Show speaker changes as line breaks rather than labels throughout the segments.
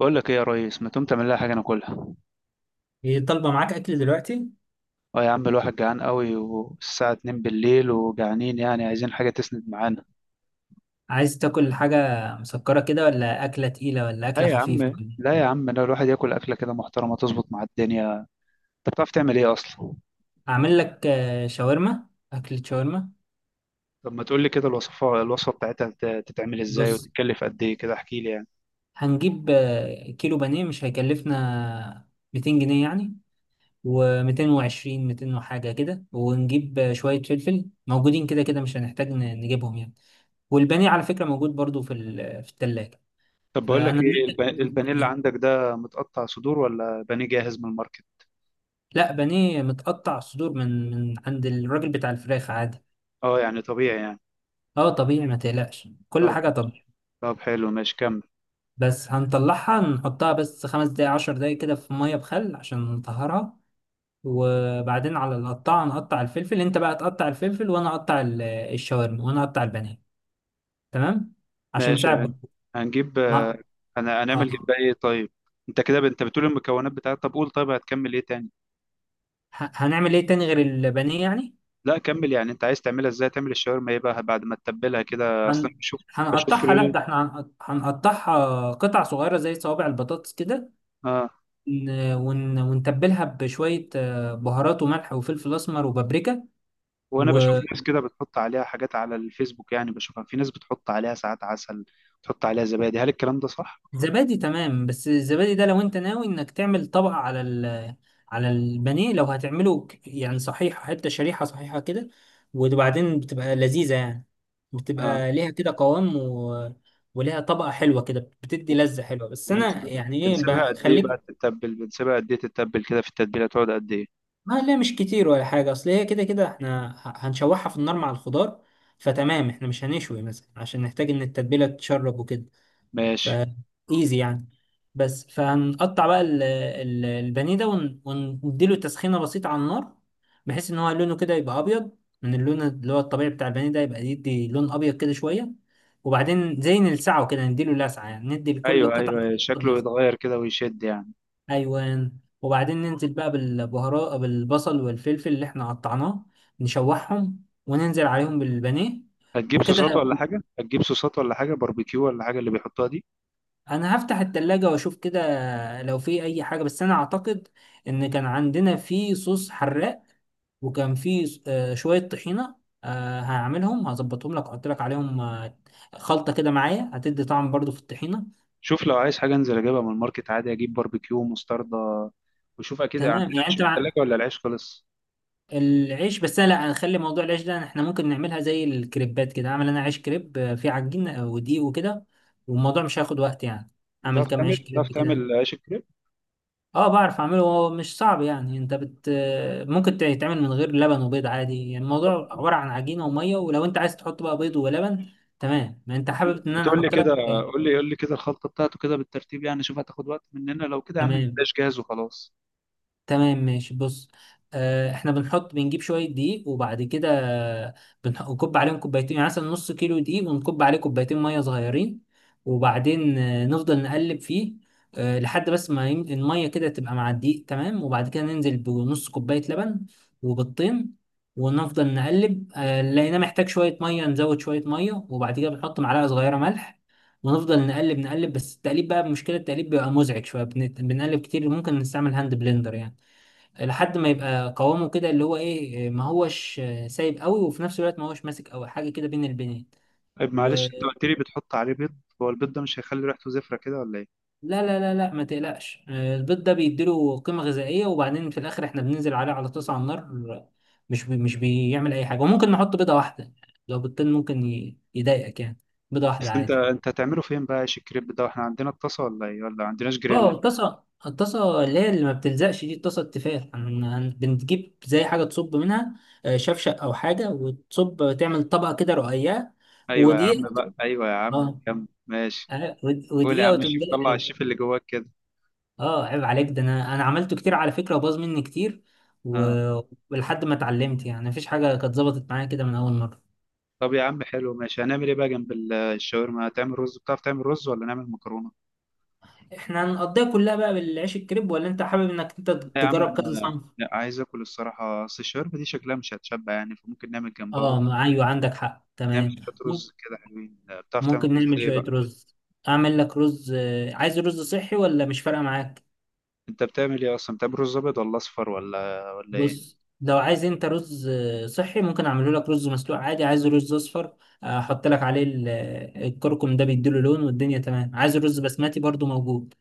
بقول لك ايه يا ريس، ما تقوم تعمل لها حاجه ناكلها؟
هي طالبة معاك أكل دلوقتي؟
اه يا عم، الواحد جعان قوي والساعه 2 بالليل وجعانين، يعني عايزين حاجه تسند معانا.
عايز تاكل حاجة مسكرة كده ولا أكلة تقيلة ولا
لا
أكلة
يا عم،
خفيفة؟
لا يا عم، لا، الواحد ياكل اكله كده محترمه تظبط مع الدنيا. انت بتعرف تعمل ايه اصلا؟
أعمل لك شاورما. أكلة شاورما.
طب ما تقول لي كده، الوصفه بتاعتها تتعمل ازاي
بص،
وتتكلف قد ايه كده؟ احكي لي يعني.
هنجيب كيلو بانيه مش هيكلفنا 200 جنيه يعني، و220 200 وحاجة كده، ونجيب شوية فلفل موجودين كده كده، مش هنحتاج نجيبهم يعني. والبانيه على فكرة موجود برضو في التلاجة.
طب بقول لك
فأنا
ايه، البانيه اللي عندك ده متقطع صدور ولا بانيه جاهز من الماركت؟
لا، بانيه متقطع صدور من عند الراجل بتاع الفراخ عادي.
اه يعني طبيعي يعني.
اه طبيعي، ما تقلقش، كل
طب،
حاجة طبيعي.
حلو ماشي، كمل.
بس هنطلعها نحطها بس 5 دقايق 10 دقايق كده في مية بخل عشان نطهرها. وبعدين على القطاعة نقطع الفلفل، انت بقى تقطع الفلفل وانا اقطع الشاورما وانا اقطع البانيه. تمام، عشان
ماشي،
نساعد بعض.
هنجيب
اه.
انا هنعمل
آه.
جنبها ايه طيب؟ انت كده انت بتقول المكونات بتاعتها، طب قول طيب، هتكمل ايه تاني؟
هنعمل ايه تاني غير البانيه يعني؟
لا كمل يعني، انت عايز تعملها ازاي؟ تعمل الشاورما ايه بقى بعد ما تتبلها كده اصلا؟
هن...
بشوف
هنقطعها، لا
ريل،
ده احنا هنقطعها قطع صغيرة زي صوابع البطاطس كده.
اه.
ونتبلها بشوية بهارات وملح وفلفل أسمر وبابريكا
وانا بشوف
و...
ناس كده بتحط عليها حاجات على الفيسبوك، يعني بشوفها في ناس بتحط عليها ساعات عسل، بتحط عليها زبادي، هل الكلام ده صح؟
زبادي. تمام، بس الزبادي ده لو انت ناوي انك تعمل طبقة على ال، على البانيه، لو هتعمله يعني صحيح حتة شريحة صحيحة كده، وبعدين بتبقى لذيذة يعني،
اه.
بتبقى ليها كده قوام وليها طبقة حلوة كده بتدي لذة حلوة. بس انا
وبنسيبها
يعني ايه
بنسيبها قد ايه
بخليك.
بقى تتبل؟ بنسيبها قد ايه تتبل كده في التتبيله، تقعد قد ايه؟
ما لا مش كتير ولا حاجة، اصل هي كده كده احنا هنشوحها في النار مع الخضار، فتمام، احنا مش هنشوي مثلا عشان نحتاج ان التتبيلة تتشرب وكده. ف
ماشي.
ايزي يعني. بس فهنقطع بقى البانيه ده ونديله تسخينه بسيطه على النار، بحيث ان هو لونه كده يبقى ابيض من اللون اللي هو الطبيعي بتاع البانيه، ده يبقى يدي لون ابيض كده شويه. وبعدين زي نلسعه كده، نديله لسعه، يعني ندي لكل
ايوه
قطعه
ايوه، شكله
لسعه.
يتغير كده ويشد يعني.
ايوان. وبعدين ننزل بقى بالبهارات، بالبصل والفلفل اللي احنا قطعناه، نشوحهم وننزل عليهم بالبانيه
هتجيب
وكده.
صوصات ولا حاجة؟ باربيكيو ولا حاجة اللي بيحطها دي؟
انا هفتح التلاجة واشوف كده لو في اي حاجة، بس انا اعتقد ان كان عندنا في صوص حراق، وكان في شوية طحينة. هعملهم هظبطهم لك، واحط لك عليهم خلطة كده معايا هتدي طعم برضو في الطحينة.
شوف لو عايز حاجة انزل اجيبها من الماركت عادي، اجيب باربيكيو ومستردة. وشوف اكيد عندنا
تمام يعني،
عيش
انت
في التلاجة
مع
ولا العيش خلص؟
العيش. بس أنا لا، هنخلي موضوع العيش ده، احنا ممكن نعملها زي الكريبات كده، اعمل انا عيش كريب، فيه عجين ودقيق وكده، والموضوع مش هياخد وقت يعني. اعمل كام عيش
بتعرف
كريب كده.
تعمل عيش الكريب؟
اه بعرف اعمله، هو مش صعب يعني. انت بت، ممكن يتعمل من غير لبن وبيض عادي، يعني
طب
الموضوع عبارة عن عجينة ومية، ولو انت عايز تحط بقى بيض ولبن تمام، ما انت حابب ان
ما
انا
تقول لي
احط
كده،
لك.
قول لي كده الخلطة بتاعته كده بالترتيب يعني، شوف هتاخد وقت مننا لو كده؟ يا عم
تمام،
جلاش جاهز وخلاص.
تمام ماشي. بص، احنا بنحط، بنجيب شويه دقيق، وبعد كده بنكب عليهم كوبايتين، يعني مثلا نص كيلو دقيق ونكب عليه كوبايتين ميه صغيرين. وبعدين نفضل نقلب فيه لحد بس ما الميه كده تبقى مع الدقيق تمام. وبعد كده ننزل بنص كوبايه لبن وبيضتين، ونفضل نقلب لقيناه محتاج شويه ميه، نزود شويه ميه، وبعد كده بنحط معلقه صغيره ملح. ونفضل نقلب نقلب، بس التقليب بقى مشكله، التقليب بيبقى مزعج شويه، بنقلب كتير، ممكن نستعمل هاند بلندر يعني، لحد ما يبقى قوامه كده اللي هو ايه، ما هوش سايب قوي، وفي نفس الوقت ما هوش ماسك قوي، حاجه كده بين البنين.
طيب معلش، انت
ولا،
قلت لي بتحط عليه بيض، هو البيض ده مش هيخلي ريحته زفرة كده ولا ايه؟
لا لا لا لا، ما تقلقش، البيض ده بيديله قيمه غذائيه، وبعدين في الاخر احنا بننزل عليه على طاسه على النار، مش بيعمل اي حاجه، وممكن نحط بيضه واحده، لو بيضتين ممكن يضايقك يعني، بيضه واحده
بس انت،
عادي.
هتعمله فين بقى عيش الكريب ده؟ احنا عندنا الطاسة ولا ايه؟ ولا عندناش جريل؟
اه الطاسه، الطاسه اللي هي اللي ما بتلزقش دي، الطاسه التيفال، بنجيب زي حاجه تصب منها، شفشق او حاجه، وتصب تعمل طبقه كده رقيقه.
ايوه يا عم
ودقيقة.
بقى، ايوه يا عم،
اه،
كمل ماشي. قول يا
ودقيقة
عم
وتقوم
الشيف،
جاي،
طلع
عارف.
الشيف اللي جواك كده.
اه عيب عليك، ده انا انا عملته كتير على فكرة وباظ مني كتير
اه.
و- ولحد ما اتعلمت يعني، مفيش حاجة كانت ظبطت معايا كده من اول مرة.
طب يا عم حلو ماشي، هنعمل ايه بقى جنب الشاورما؟ هتعمل رز؟ بتعرف تعمل رز ولا نعمل مكرونه؟
احنا هنقضيها كلها بقى بالعيش الكريب، ولا انت حابب انك انت
لا يا عم،
تجرب كذا
انا
صنف؟
لا عايز اكل الصراحه، اصل الشاورما دي شكلها مش هتشبع يعني، فممكن نعمل جنبها رز.
اه ايوه، عندك حق
نعمل
تمام،
شويه رز كده حلوين، بتعرف تعمل
ممكن
رز
نعمل
ايه
شوية
بقى؟
رز. اعمل لك رز، عايز رز صحي ولا مش فارقة معاك؟
انت بتعمل ايه اصلا؟ بتعمل رز ابيض ولا اصفر ولا ايه؟
بص، لو عايز انت رز صحي ممكن اعمله لك رز مسلوق عادي. عايز رز اصفر، احط لك عليه الكركم، ده بيديله لون والدنيا تمام. عايز رز بسمتي برضو موجود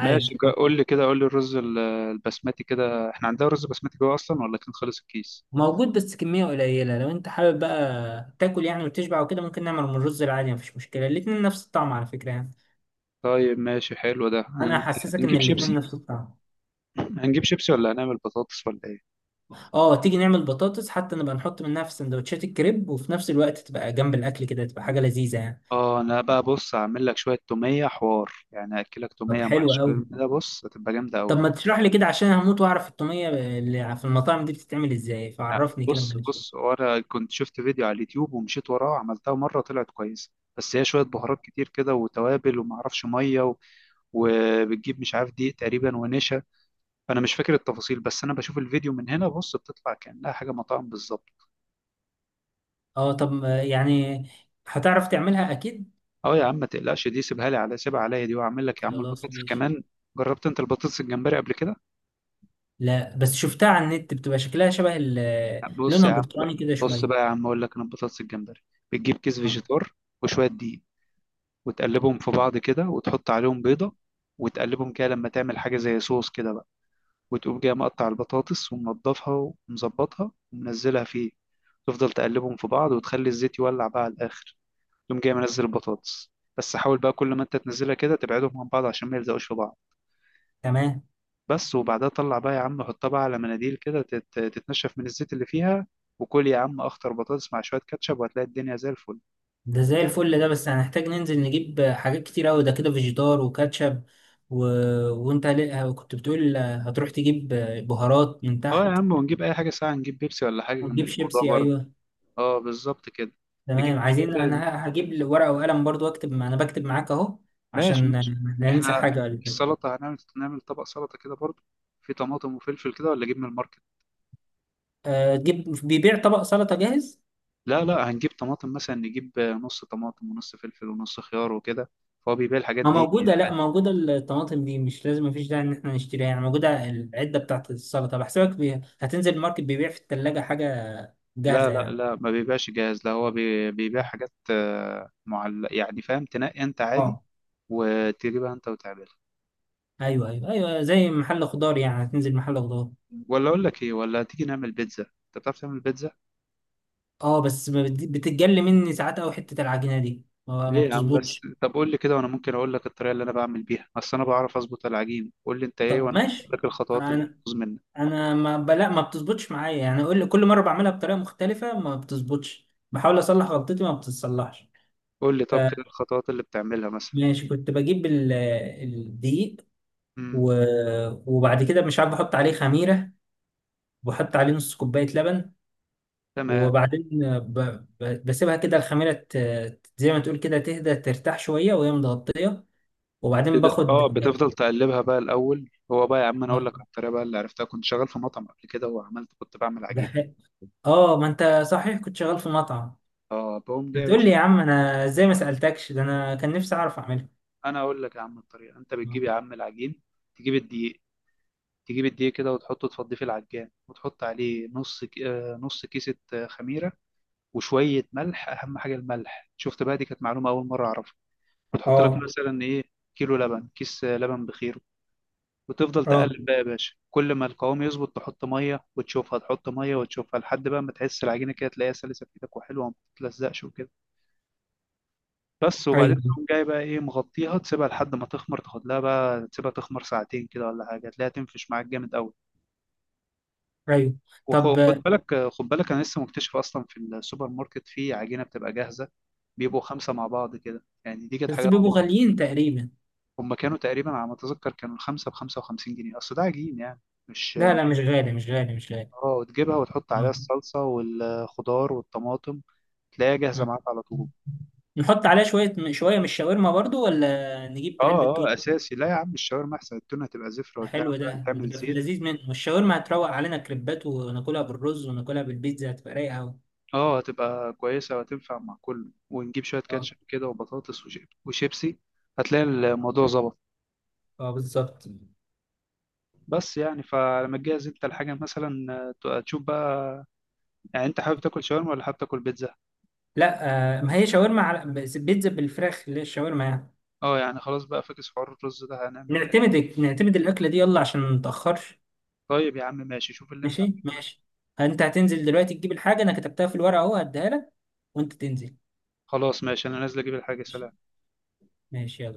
ماشي، قول لي كده، قول لي الرز البسمتي كده، احنا عندنا رز بسمتي جوه اصلا ولا كان خلص الكيس؟
موجود بس كمية قليلة، لو انت حابب بقى تاكل يعني وتشبع وكده، ممكن نعمل من الرز العادي مفيش مشكلة، الاتنين نفس الطعم على فكرة يعني.
طيب ماشي حلو، ده
انا هحسسك ان
هنجيب
الاتنين
شيبسي؟
نفس الطعم.
ولا هنعمل بطاطس ولا ايه؟
اه تيجي نعمل بطاطس، حتى نبقى نحط منها في سندوتشات الكريب، وفي نفس الوقت تبقى جنب الاكل كده، تبقى حاجة لذيذة يعني.
اه انا بقى بص، هعمل لك شويه توميه حوار، يعني هاكلك
طب
توميه مع
حلو قوي.
الشاورما ده، بص هتبقى جامده
طب
قوي.
ما تشرح لي كده، عشان هموت واعرف الطوميه اللي في المطاعم دي بتتعمل ازاي، فعرفني كده
بص،
معلش.
وانا كنت شفت فيديو على اليوتيوب ومشيت وراه، عملتها مره طلعت كويسه، بس هي شويه بهارات كتير كده وتوابل وما اعرفش، ميه وبتجيب، مش عارف، دقيق تقريبا ونشا، فانا مش فاكر التفاصيل، بس انا بشوف الفيديو من هنا، بص بتطلع كانها حاجه مطاعم بالظبط.
اه طب يعني هتعرف تعملها اكيد.
اه يا عم ما تقلقش، دي سيبها لي على، سيبها عليا دي، واعمل لك يا عم
خلاص
البطاطس
ماشي.
كمان. جربت انت البطاطس الجمبري قبل كده؟
لا بس شفتها على النت، بتبقى شكلها شبه
بص يا
لونها
عم بقى
برتقاني كده
بص
شويه.
بقى يا عم اقول لك انا البطاطس الجمبري، بتجيب كيس
آه.
فيجيتار وشويه دقيق، وتقلبهم في بعض كده وتحط عليهم بيضه، وتقلبهم كده لما تعمل حاجه زي صوص كده بقى، وتقوم جاي مقطع البطاطس ومنضفها ومظبطها ومنزلها فيه، تفضل تقلبهم في بعض وتخلي الزيت يولع بقى على الاخر، تقوم جاي منزل البطاطس، بس حاول بقى كل ما انت تنزلها كده تبعدهم عن بعض عشان ما يلزقوش في بعض،
تمام.
بس. وبعدها طلع بقى يا عم، حطها بقى على مناديل كده تتنشف من الزيت اللي فيها، وكل يا عم اخطر بطاطس مع شويه كاتشب وهتلاقي الدنيا زي الفل.
ده زي الفل، ده بس هنحتاج ننزل نجيب حاجات كتير قوي ده كده، فيجيتار وكاتشب و... وانت كنت بتقول هتروح تجيب بهارات من
اه يا
تحت.
عم، ونجيب اي حاجه ساعه، نجيب بيبسي ولا حاجه جنب
وتجيب شيبسي
الموضوع برضه.
ايوه.
اه بالظبط كده، نجيب
تمام عايزين،
شويه.
انا هجيب ورقة وقلم برضو اكتب، انا بكتب معاك اهو
ماشي
عشان
ماشي.
لا ننسى
احنا
حاجة ولا حاجة.
السلطه نعمل طبق سلطه كده برضه، في طماطم وفلفل كده ولا اجيب من الماركت؟
أه، تجيب، بيبيع طبق سلطة جاهز.
لا لا، هنجيب طماطم مثلا، نجيب نص طماطم ونص فلفل ونص خيار وكده، فهو بيبيع الحاجات
ما
دي
موجودة، لا
يعني.
موجودة، الطماطم دي مش لازم، مفيش داعي ان احنا نشتريها يعني، موجودة العدة بتاعت السلطة بحسبك هتنزل الماركت بيبيع في التلاجة حاجة
لا
جاهزة
لا
يعني.
لا، ما بيبقاش جاهز، لا هو بيبيع حاجات، معلقة يعني، فاهم، تنقي انت عادي
اه
وتجيبها انت وتعملها.
ايوه ايوه ايوه، زي محل خضار يعني، هتنزل محل خضار.
ولا اقول لك ايه، ولا تيجي نعمل بيتزا؟ انت بتعرف تعمل بيتزا؟
اه بس ما بت- بتتجلي مني ساعات قوي حتة العجينة دي، ما
ليه يا عم بس؟
بتظبطش.
طب قول لي كده وانا ممكن اقول لك الطريقه اللي انا بعمل بيها، اصل انا بعرف اظبط العجين، قول لي انت ايه
طب
وانا ممكن اقول
ماشي.
لك الخطوات اللي
انا،
بتبوظ منك.
انا ما ب- لا ما بتظبطش معايا يعني، كل مره بعملها بطريقه مختلفه ما بتظبطش، بحاول اصلح غلطتي ما بتتصلحش.
قول لي طب كده الخطوات اللي بتعملها مثلا.
فماشي، كنت بجيب الدقيق
امم
و... وبعد كده مش عارف بحط عليه خميره، وبحط عليه نص كوبايه لبن.
تمام
وبعدين ب... بسيبها كده، الخميره زي ما تقول كده تهدى ترتاح شويه وهي متغطيه. وبعدين
كده،
باخد.
اه بتفضل تقلبها بقى الاول. هو بقى يا عم، انا اقول لك على الطريقه بقى اللي عرفتها، كنت شغال في مطعم قبل كده وعملت، كنت بعمل عجين.
بح- اه ما انت صحيح كنت شغال في مطعم،
اه بقوم جاي يا
هتقول
باشا،
لي يا عم انا ازاي ما سالتكش، ده انا كان نفسي اعرف اعملها.
انا اقول لك يا عم الطريقه، انت بتجيب يا عم العجين، تجيب الدقيق تجيب الدقيق كده وتحطه تفضيه في العجان، وتحط عليه نص نص كيسه خميره، وشويه ملح، اهم حاجه الملح، شفت بقى، دي كانت معلومه اول مره اعرفها، وتحط لك
اه.
مثلا ايه، كيلو لبن، كيس لبن بخير. وتفضل
اه.
تقلب بقى يا باشا، كل ما القوام يظبط تحط ميه وتشوفها، تحط ميه وتشوفها، لحد بقى ما تحس العجينه كده تلاقيها سلسه في ايدك وحلوه وما بتتلزقش وكده، بس. وبعدين
ايوه
تقوم جاي بقى ايه مغطيها، تسيبها لحد ما تخمر، تاخد لها بقى، تسيبها تخمر ساعتين كده ولا حاجه، تلاقيها تنفش معاك جامد قوي.
ايوه. طب
وخد بالك، خد بالك انا لسه مكتشف اصلا في السوبر ماركت في عجينه بتبقى جاهزه، بيبقوا خمسه مع بعض كده يعني، دي كانت
بس
حاجه اول
بيبقوا
مره.
غاليين تقريبا.
هم كانوا تقريبا على ما اتذكر كانوا الخمسه ب 55 جنيه، اصل ده عجين يعني،
لا لا،
مش.
مش غالي مش غالي مش غالي.
اه، وتجيبها وتحط عليها
آه.
الصلصه والخضار والطماطم، تلاقيها جاهزه
آه.
معاك على طول.
نحط عليها شوية شوية من الشاورما برضو، ولا نجيب علبة
اه اه
توت؟
اساسي، لا يا عم الشاورما احسن، التونه تبقى زفره وتلاقيها
حلو،
عمالة
ده
تعمل
بتبقى في
زيت.
اللذيذ منه، والشاورما هتروق علينا كريبات، وناكلها بالرز، وناكلها بالبيتزا، هتبقى رايقة أوي.
اه هتبقى كويسة وهتنفع مع كله، ونجيب شوية
اه.
كاتشب كده وبطاطس وشيبسي، هتلاقي الموضوع ظبط.
اه بالظبط.
بس يعني، فلما تجهز انت الحاجة مثلا، تشوف بقى، يعني انت حابب تاكل شاورما ولا حابب تاكل بيتزا؟
لا. آه، ما هي شاورما، على بس بيتزا بالفراخ اللي هي الشاورما يعني.
اه يعني خلاص بقى، فاكس حوار الرز ده، هنعمل حاجة؟
نعتمد نعتمد الأكلة دي، يلا عشان ما نتأخرش.
طيب يا عم ماشي، شوف اللي انت،
ماشي ماشي. انت هتنزل دلوقتي تجيب الحاجه، انا كتبتها في الورقه اهو هديها لك وانت تنزل.
خلاص ماشي، انا نازل اجيب الحاجة.
ماشي.
سلام.
ماشي، يلا.